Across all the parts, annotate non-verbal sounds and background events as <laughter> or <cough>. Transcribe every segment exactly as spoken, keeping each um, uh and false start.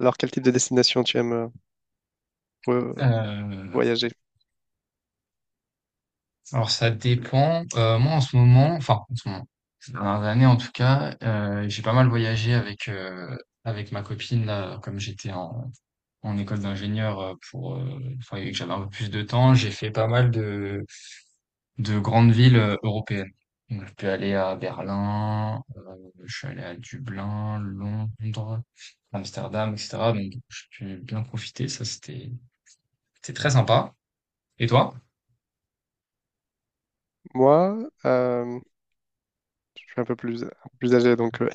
Alors, quel type de destination tu aimes euh, pour, euh, Heu, voyager? alors ça dépend, heu, moi en ce moment, enfin en ce moment, ces dernières années en tout cas, heu, j'ai pas mal voyagé avec, heu, avec ma copine là, comme j'étais en en école d'ingénieur, heu, pour, heu, enfin et que j'avais un peu plus de temps, j'ai fait pas mal de de grandes villes, heu, européennes. Donc je suis aller à Berlin, heu, je suis allé à Dublin, Londres, Amsterdam, et cetera. Donc j'ai pu bien profiter, ça c'était c'était très sympa. Et toi? Moi, euh, je suis un peu plus, un peu plus âgé, donc euh,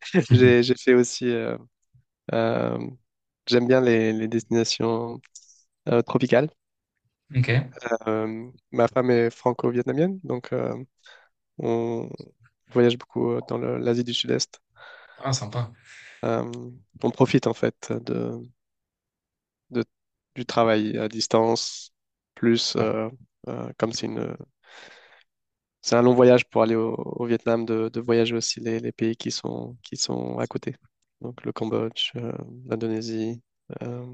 <laughs> <laughs> j'ai, j'ai fait aussi. euh, euh, J'aime bien les, les destinations euh, tropicales. OK. Euh, ma femme est franco-vietnamienne, donc euh, on voyage beaucoup euh, dans le- l'Asie du Sud-Est. Ah, sympa. Ouais. Euh, on profite en fait de, de- du travail à distance, plus euh, euh, comme c'est une c'est un long voyage pour aller au, au Vietnam, de, de voyager aussi les, les pays qui sont, qui sont à côté. Donc le Cambodge, euh, l'Indonésie, euh,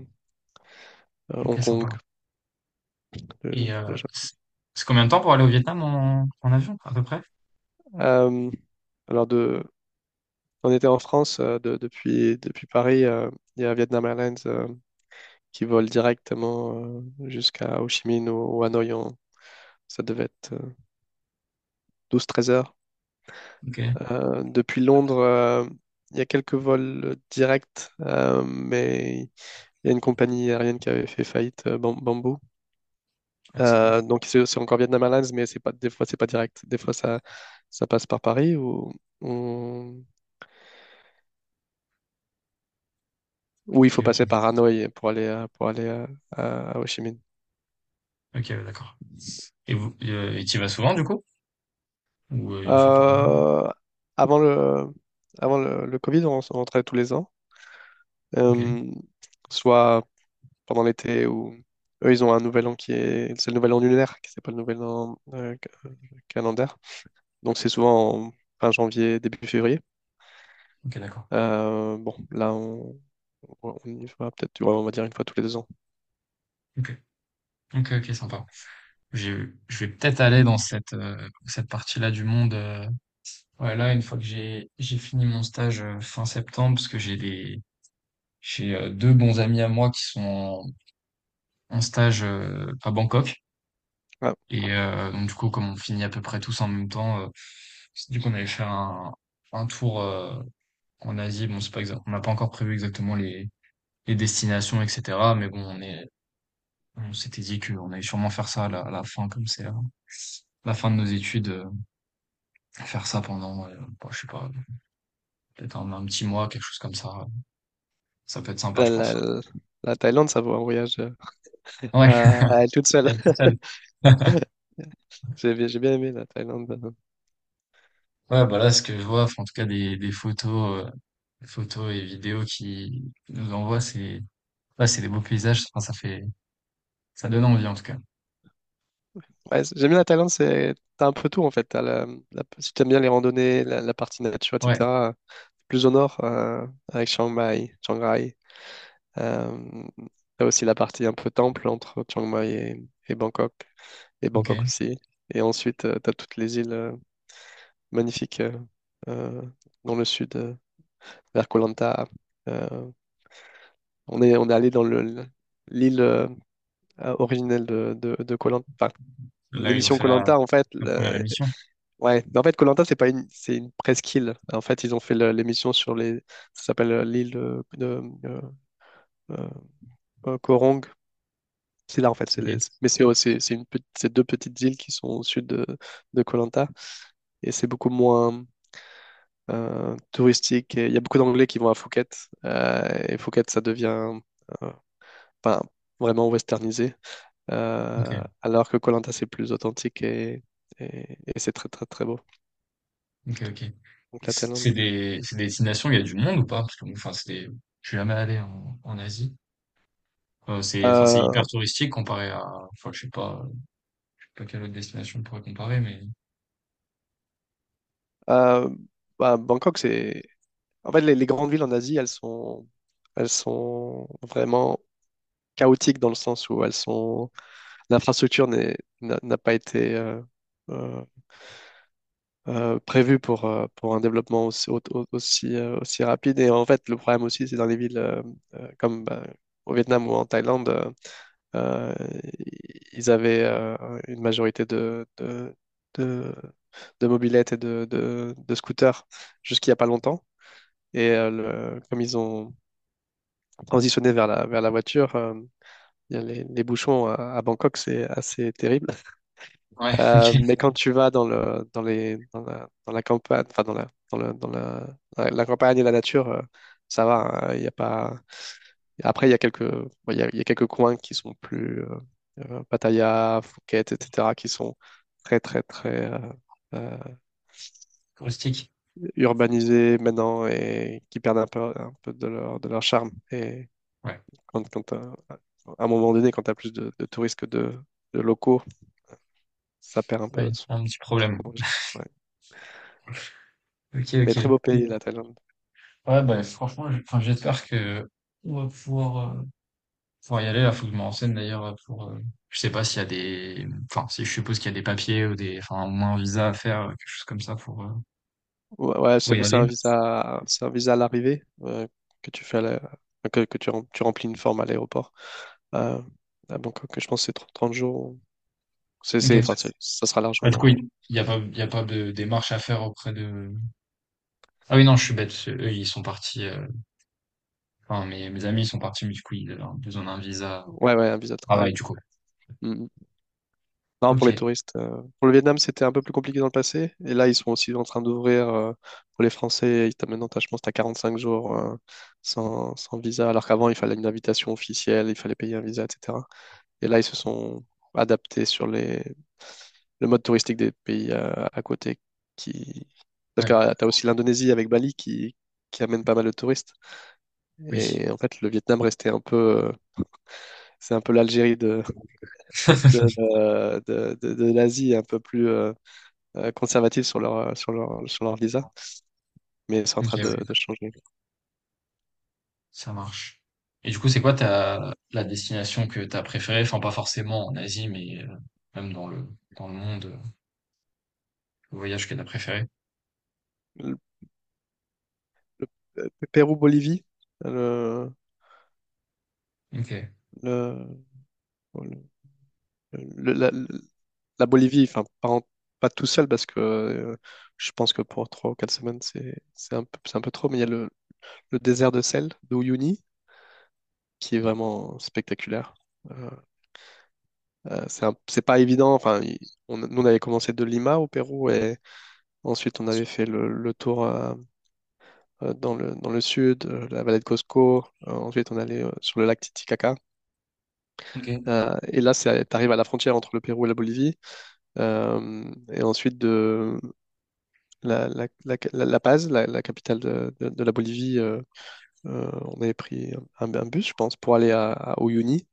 euh, Hong OK, Kong, sympa. Et le, le heu, Japon. c c'est combien de temps pour aller au Vietnam en en avion, à peu près? Euh, alors de, on était en France euh, de- depuis, depuis Paris. euh, Il y a Vietnam Airlines euh, qui vole directement euh, jusqu'à Ho Chi Minh ou, ou Hanoï. en- Ça devait être douze treize heures. OK. Euh, depuis Londres, euh, il y a quelques vols directs, euh, mais il y a une compagnie aérienne qui avait fait faillite, euh, Bam- Bamboo. Ah ça m Euh, donc c'est c'est encore Vietnam Airlines, mais c'est pas, des fois, c'est pas direct. Des fois, ça, ça passe par Paris ou, ou, ou il faut OK, OK. passer par Hanoï pour aller, euh, pour aller euh, à, à Ho Chi Minh. OK, ouais, d'accord. Et vous et et tu vas souvent du coup? Ou, heu, une fois par mois? Euh, Avant le, avant le, le Covid, on, se rentrait tous les ans, OK. Euh, soit pendant l'été, ou eux, ils ont un nouvel an qui est, c'est le nouvel an lunaire, qui c'est pas le nouvel an euh, ca- calendaire. Donc c'est souvent en fin janvier, début février. OK, d'accord. Euh, bon, là, on, on y va peut-être, tu on va dire une fois tous les deux ans. OK. OK, OK, sympa. Je je vais peut-être aller dans cette, heu, cette partie-là du monde, heu, ouais, là, une fois que j'ai j'ai fini mon stage, heu, fin septembre, parce que j'ai des j'ai, heu, deux bons amis à moi qui sont en en stage, heu, à Bangkok. Ah, Et heu, donc du coup, comme on finit à peu près tous en même temps, heu, on dit qu'on allait faire un un tour, heu, en Asie. Bon, c'est pas exact, on n'a pas encore prévu exactement les les destinations, et cetera, mais bon, on est on s'était dit qu'on allait sûrement faire ça à la à la fin, comme c'est la la fin de nos études, heu, faire ça pendant, heu, bah, je sais pas, peut-être un un petit mois, quelque chose comme ça. Ça peut être sympa, la, je pense. la- la Thaïlande, ça vaut un voyage euh, Ouais, à, à elle toute seule. la vie seule. <laughs> <laughs> J'ai bien, j'ai bien aimé la Thaïlande. Ouais, bah, là, ce que je vois, enfin, en tout cas des des photos, heu, des photos et vidéos qui nous envoient, c'est ouais, c'est des beaux paysages, enfin, ça fait, ça donne envie en tout cas. Ouais, c'est- j'aime bien la Thaïlande, c'est, t'as un peu tout en fait. T'as la, la- si t'aimes bien les randonnées, la, la partie nature, Ouais, et cetera. Plus au nord, euh, avec Chiang Mai, Chiang Rai. Euh, T'as aussi la partie un peu temple entre Chiang Mai et, et Bangkok, et Bangkok ok. aussi. Et ensuite, euh, t'as toutes les îles. euh, magnifique euh, euh, dans le sud, euh, vers Koh Lanta. Euh, on est, on est allé dans le, le- l'île euh, euh, originelle de, de, de Koh Lanta. Enfin, Là, ils ont l'émission fait Koh la, Lanta, en fait, la première le- émission. ouais. Mais en fait, Koh Lanta, c'est pas une, c'est une presqu'île. En fait, ils ont fait le- l'émission sur les, ça s'appelle euh, l'île de, de, euh, euh, euh, Koh. C'est là en fait, c'est les- Ok, mais c'est c'est c'est une petite- c'est deux petites îles qui sont au sud de, de Koh Lanta, et c'est beaucoup moins euh, touristique. Et il y a beaucoup d'Anglais qui vont à Phuket. euh, Et Phuket, ça devient euh, enfin, vraiment westernisé. euh, ok, Alors que Koh Lanta, c'est plus authentique et, et- et c'est très, très, très beau. ok, ok. Donc Et la c- C'est Thaïlande. des, c'est des destinations, il y a du monde ou pas? Parce que, bon, enfin, c'est des, je suis jamais allé en, en Asie. Euh, c'est, enfin, c'est hyper Euh, touristique comparé à, enfin, je sais pas, je sais pas quelle autre destination on pourrait comparer, mais. euh, Bah, Bangkok, c'est... En fait, les, les grandes villes en Asie, elles sont, elles sont vraiment chaotiques dans le sens où elles sont... L'infrastructure n'est- n'a n'a pas été... euh, euh, euh, prévu pour, euh, pour un développement aussi, au- au- aussi, euh, aussi rapide. Et en fait, le problème aussi, c'est dans les villes euh, euh, comme bah, au Vietnam ou en Thaïlande, euh, euh, ils avaient euh, une majorité de, de, de, de mobylettes et de, de, de scooters jusqu'il n'y a pas longtemps. Et euh, le- comme ils ont transitionné vers la, vers la voiture, euh, il y a les, les bouchons à, à Bangkok, c'est assez terrible. Ouais, <laughs> Euh, ok, Mais quand tu vas dans le, dans les, dans la, dans la campagne, enfin dans la, dans le, dans la, la- la campagne et la nature, euh, ça va. Hein, il y a pas. Après, il y a quelques, bon, il y a, il y a quelques coins qui sont plus euh, euh, Pattaya, Phuket, et cetera, qui sont très, très, très euh, euh, touristique. urbanisés maintenant et qui perdent un peu, un peu de leur, de leur charme. Et Ouais, quand, quand, euh, à un moment donné, quand tu as plus de, de touristes que de, de locaux, ça perd un peu ouais, de son, un petit son problème. origine. Ouais. Ok, Mais très ok. beau pays, la Thaïlande. Ouais, bah, franchement, j'- enfin, j'espère que on va pouvoir euh, faut y aller, là, faut que je me renseigne d'ailleurs pour. Euh, je sais pas s'il y a des. Enfin, si je suppose qu'il y a des papiers ou des. Enfin, au moins un visa à faire, euh, quelque chose comme ça pour, euh, Ouais, ouais, pour c'est, y mais c'est aller. un visa, c'est un visa à l'arrivée euh, que tu fais à la- que, que tu, rem- tu remplis une forme à l'aéroport. Euh, à Bangkok, je pense que c'est trente trente jours. C'est, c'est, enfin, Ok. c'est- ça sera Ah, du coup, il largement. n'y a pas, il y a pas de démarche à faire auprès de. Ah oui, non, je suis bête. Eux, ils sont partis. euh, Enfin, mes, mes amis, ils sont partis, mais du coup, ils avaient besoin d'un visa Ouais, ouais, un visa de travail. travail, du coup. Mm. Mm. Non, Ok. pour les touristes. euh, Pour le Vietnam, c'était un peu plus compliqué dans le passé. Et là, ils sont aussi en train d'ouvrir euh, pour les Français. Ils t'as- Maintenant, t'as- je pense que tu as quarante-cinq jours euh, sans, sans visa. Alors qu'avant, il fallait une invitation officielle, il fallait payer un visa, et cetera. Et là, ils se sont adaptés sur les, le mode touristique des pays euh, à côté qui... Parce que Ouais. tu as aussi l'Indonésie avec Bali qui, qui amène pas mal de touristes. Oui. Et en fait, le Vietnam restait un peu... euh, c'est un peu l'Algérie de, de, <laughs> euh, de, de- de l'Asie, un peu plus euh, euh, conservative sur leur, euh, sur leur, sur leur visa. Mais c'est en Ok, train de, ouais. de changer. Ça marche. Et du coup, c'est quoi ta, la destination que t'as préférée? Enfin, pas forcément en Asie, mais euh, même dans le, dans le monde. euh, Le voyage que t'as préféré? Le, le- le Pérou-Bolivie, le, OK. le, le- la, la Bolivie, enfin, pas, en- pas tout seul parce que euh, je pense que pour trois ou quatre semaines, c'est c'est un peu, c'est un peu trop, mais il y a le, le désert de sel de Uyuni qui est vraiment spectaculaire. Euh, euh, c'est un- c'est pas évident, enfin, il- on, nous on avait commencé de Lima au Pérou et ensuite on avait fait le, le tour euh, euh, dans le, dans le sud, euh, la vallée de Cosco, euh, ensuite on allait euh, sur le lac Titicaca. OK. Euh, et là, tu arrives à la frontière entre le Pérou et la Bolivie. Euh, et ensuite, de, la, la, la, la- La Paz, la, la capitale de, de- de la Bolivie, euh, euh, on avait pris un, un bus, je pense, pour aller à, à Uyuni.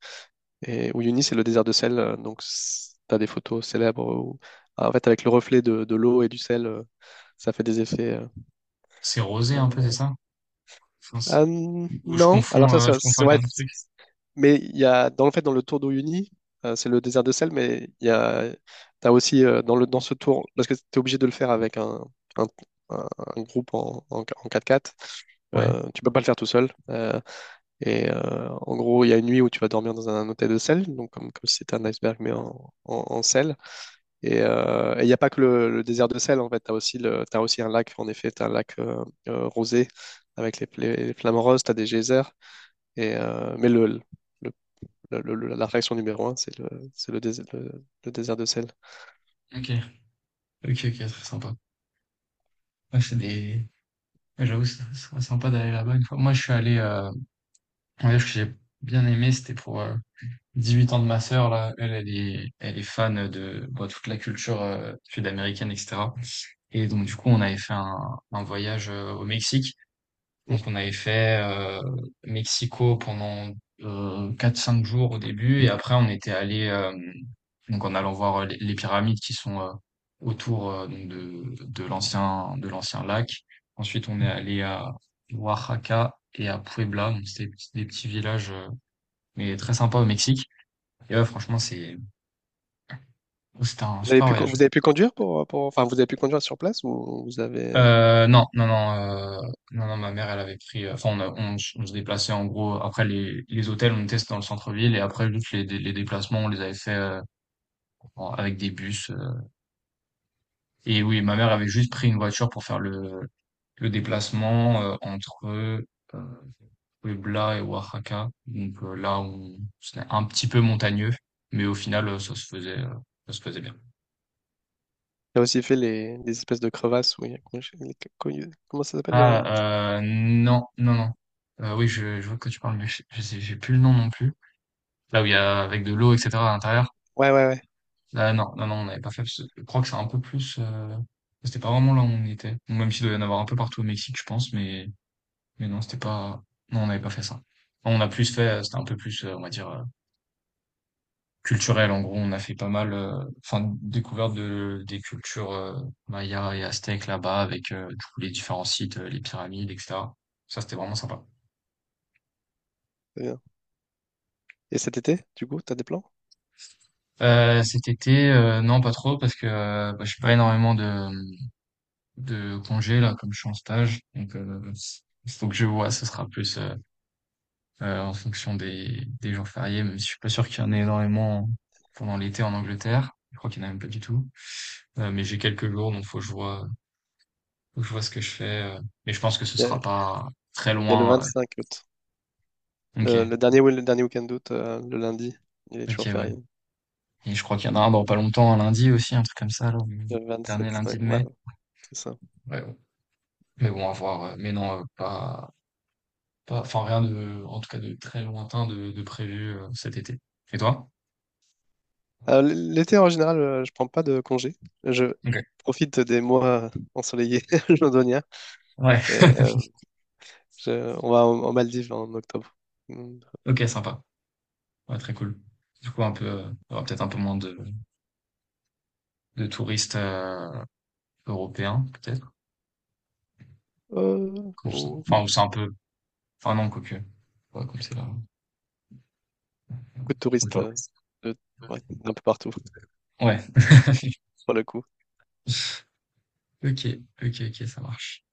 Et Uyuni, c'est le désert de sel. euh, Donc, tu as des photos célèbres où- ah, en fait, avec le reflet de, de l'eau et du sel, euh, ça fait des effets. C'est rosé un peu, euh. c'est ça? Enfin, c'est- Ah, ou je non, alors confonds, ça, euh, c'est je confonds c'est- avec un ouais. autre truc? Mais il y a, dans le fait, dans le tour d'Uyuni, euh, c'est le désert de sel, mais il y a, t'as aussi euh, dans le, dans ce tour, parce que tu es obligé de le faire avec un, un, un- un groupe en, en, en quatre x Ouais. euh, tu peux pas le faire tout seul. Euh, et euh, en gros, il y a une nuit où tu vas dormir dans un hôtel de sel, donc comme, comme si c'était un iceberg, mais en, en, en sel. Et euh, et il n'y a pas que le, le désert de sel, en fait, tu as aussi, le, t'as aussi un lac, en effet, tu as un lac euh, euh, rosé avec les, les, les flamants roses, tu as des geysers. Et, euh, mais le, le le- le- le- la réaction numéro un, c'est le, c'est le, dés- le- le désert de sel. OK. OK, OK, très sympa. Ouais, c'est des... ouais, j'avoue, c'est c'est sympa d'aller là-bas une fois. Moi, je suis allé... Euh... Un voyage que j'ai bien aimé, c'était pour... euh, dix-huit ans de ma sœur, là, elle, elle est, elle est fan de bon, toute la culture euh, sud-américaine, et cetera. Et donc, du coup, on avait fait un, un voyage euh, au Mexique. Mm. Donc on avait fait euh, Mexico pendant euh, quatre cinq jours au début, et après on était allé euh, donc en allant voir euh, les, les pyramides qui sont euh, autour, euh, donc de, de l'ancien de l'ancien lac. Ensuite on est allé à Oaxaca et à Puebla, donc c'était des petits des petits villages, euh, mais très sympas au Mexique. Et ouais, franchement c'est c'était un Vous avez super pu, con- voyage. vous avez pu conduire pour, pour- enfin, vous avez pu conduire sur place ou vous avez... Euh, non, non, non, euh, non, non, ma mère, elle avait pris, euh, enfin, on, a- on, s- on se déplaçait en gros, après les, les hôtels, on était dans le centre-ville, et après, juste les, les déplacements, on les avait fait euh, en- avec des bus. euh. Et oui, ma mère avait juste pris une voiture pour faire le, le déplacement euh, entre euh, Puebla et Oaxaca. Donc euh, là, on, c'était un petit peu montagneux, mais au final, euh, ça se faisait, euh, ça se faisait bien. Il a aussi fait les, des espèces de crevasses où il y a... Comment je- les- comment il- comment ça s'appelle? Euh, Ah, euh, non, non, non. Euh, oui, je, je vois que tu parles, mais je, je sais, j'ai plus le nom non plus. Là où il y a avec de l'eau, et cetera, à l'intérieur. Ouais, ouais, ouais. Là, non, non, non, on n'avait pas fait parce que je crois que c'est un peu plus, heu, c'était pas vraiment là où on était. Bon, même s'il doit y en avoir un peu partout au Mexique je pense, mais mais non, c'était pas non on n'avait pas fait ça. Enfin, on a plus fait, heu, c'était un peu plus, heu, on va dire, heu, culturel en gros. On a fait pas mal, heu, enfin découverte de des cultures, heu, mayas et aztèques là-bas avec, heu, du coup les différents sites, heu, les pyramides, et cetera. Ça c'était vraiment sympa. c'est bien. Et cet été, du coup, t'as des plans? Heu, cet été, heu, non pas trop parce que, heu, bah, je fais pas énormément de, mmh de congé là, comme je suis en stage donc euh, il faut que je vois, ce sera plus euh, euh, en fonction des des jours fériés, même si je suis pas sûr qu'il y en ait énormément pendant l'été en Angleterre, je crois qu'il y en a même pas du tout. Euh, mais j'ai quelques jours donc faut que je vois faut que je vois ce que je fais euh. Mais je pense que ce Il y a, il sera pas très y a le loin vingt-cinq août. euh. Ok, Le, le dernier, le dernier week-end d'août, euh, le lundi. Il est ok, toujours ouais, férié. et je crois qu'il y en a un dans pas longtemps, un lundi aussi, un truc comme ça là, le Le dernier vingt-sept, lundi ouais, de ouais, mai. c'est ça. Ouais, bon. Mais bon, à voir euh. Mais non, euh, pas Pas enfin rien de en tout cas de très lointain de de prévu, heu, cet été. Et toi? Euh, L'été, en général, euh, je prends pas de congé. Je OK. profite des mois ensoleillés <laughs> londoniens. Ouais, Et, euh, je- on va en, en Maldives en octobre. Mm. <laughs> OK, sympa. Ouais, très cool. Du coup un peu, heu, il y aura peut-être un peu moins de de touristes, heu, européens peut-être? Euh, Comme ça, ou- enfin, ou c'est un peu, enfin non quoique, ouais, comme c'est là, Beaucoup de on touristes peut. euh, de- ouais, d'un peu partout, Ouais. pour le coup. <laughs> OK, OK, OK, ça marche.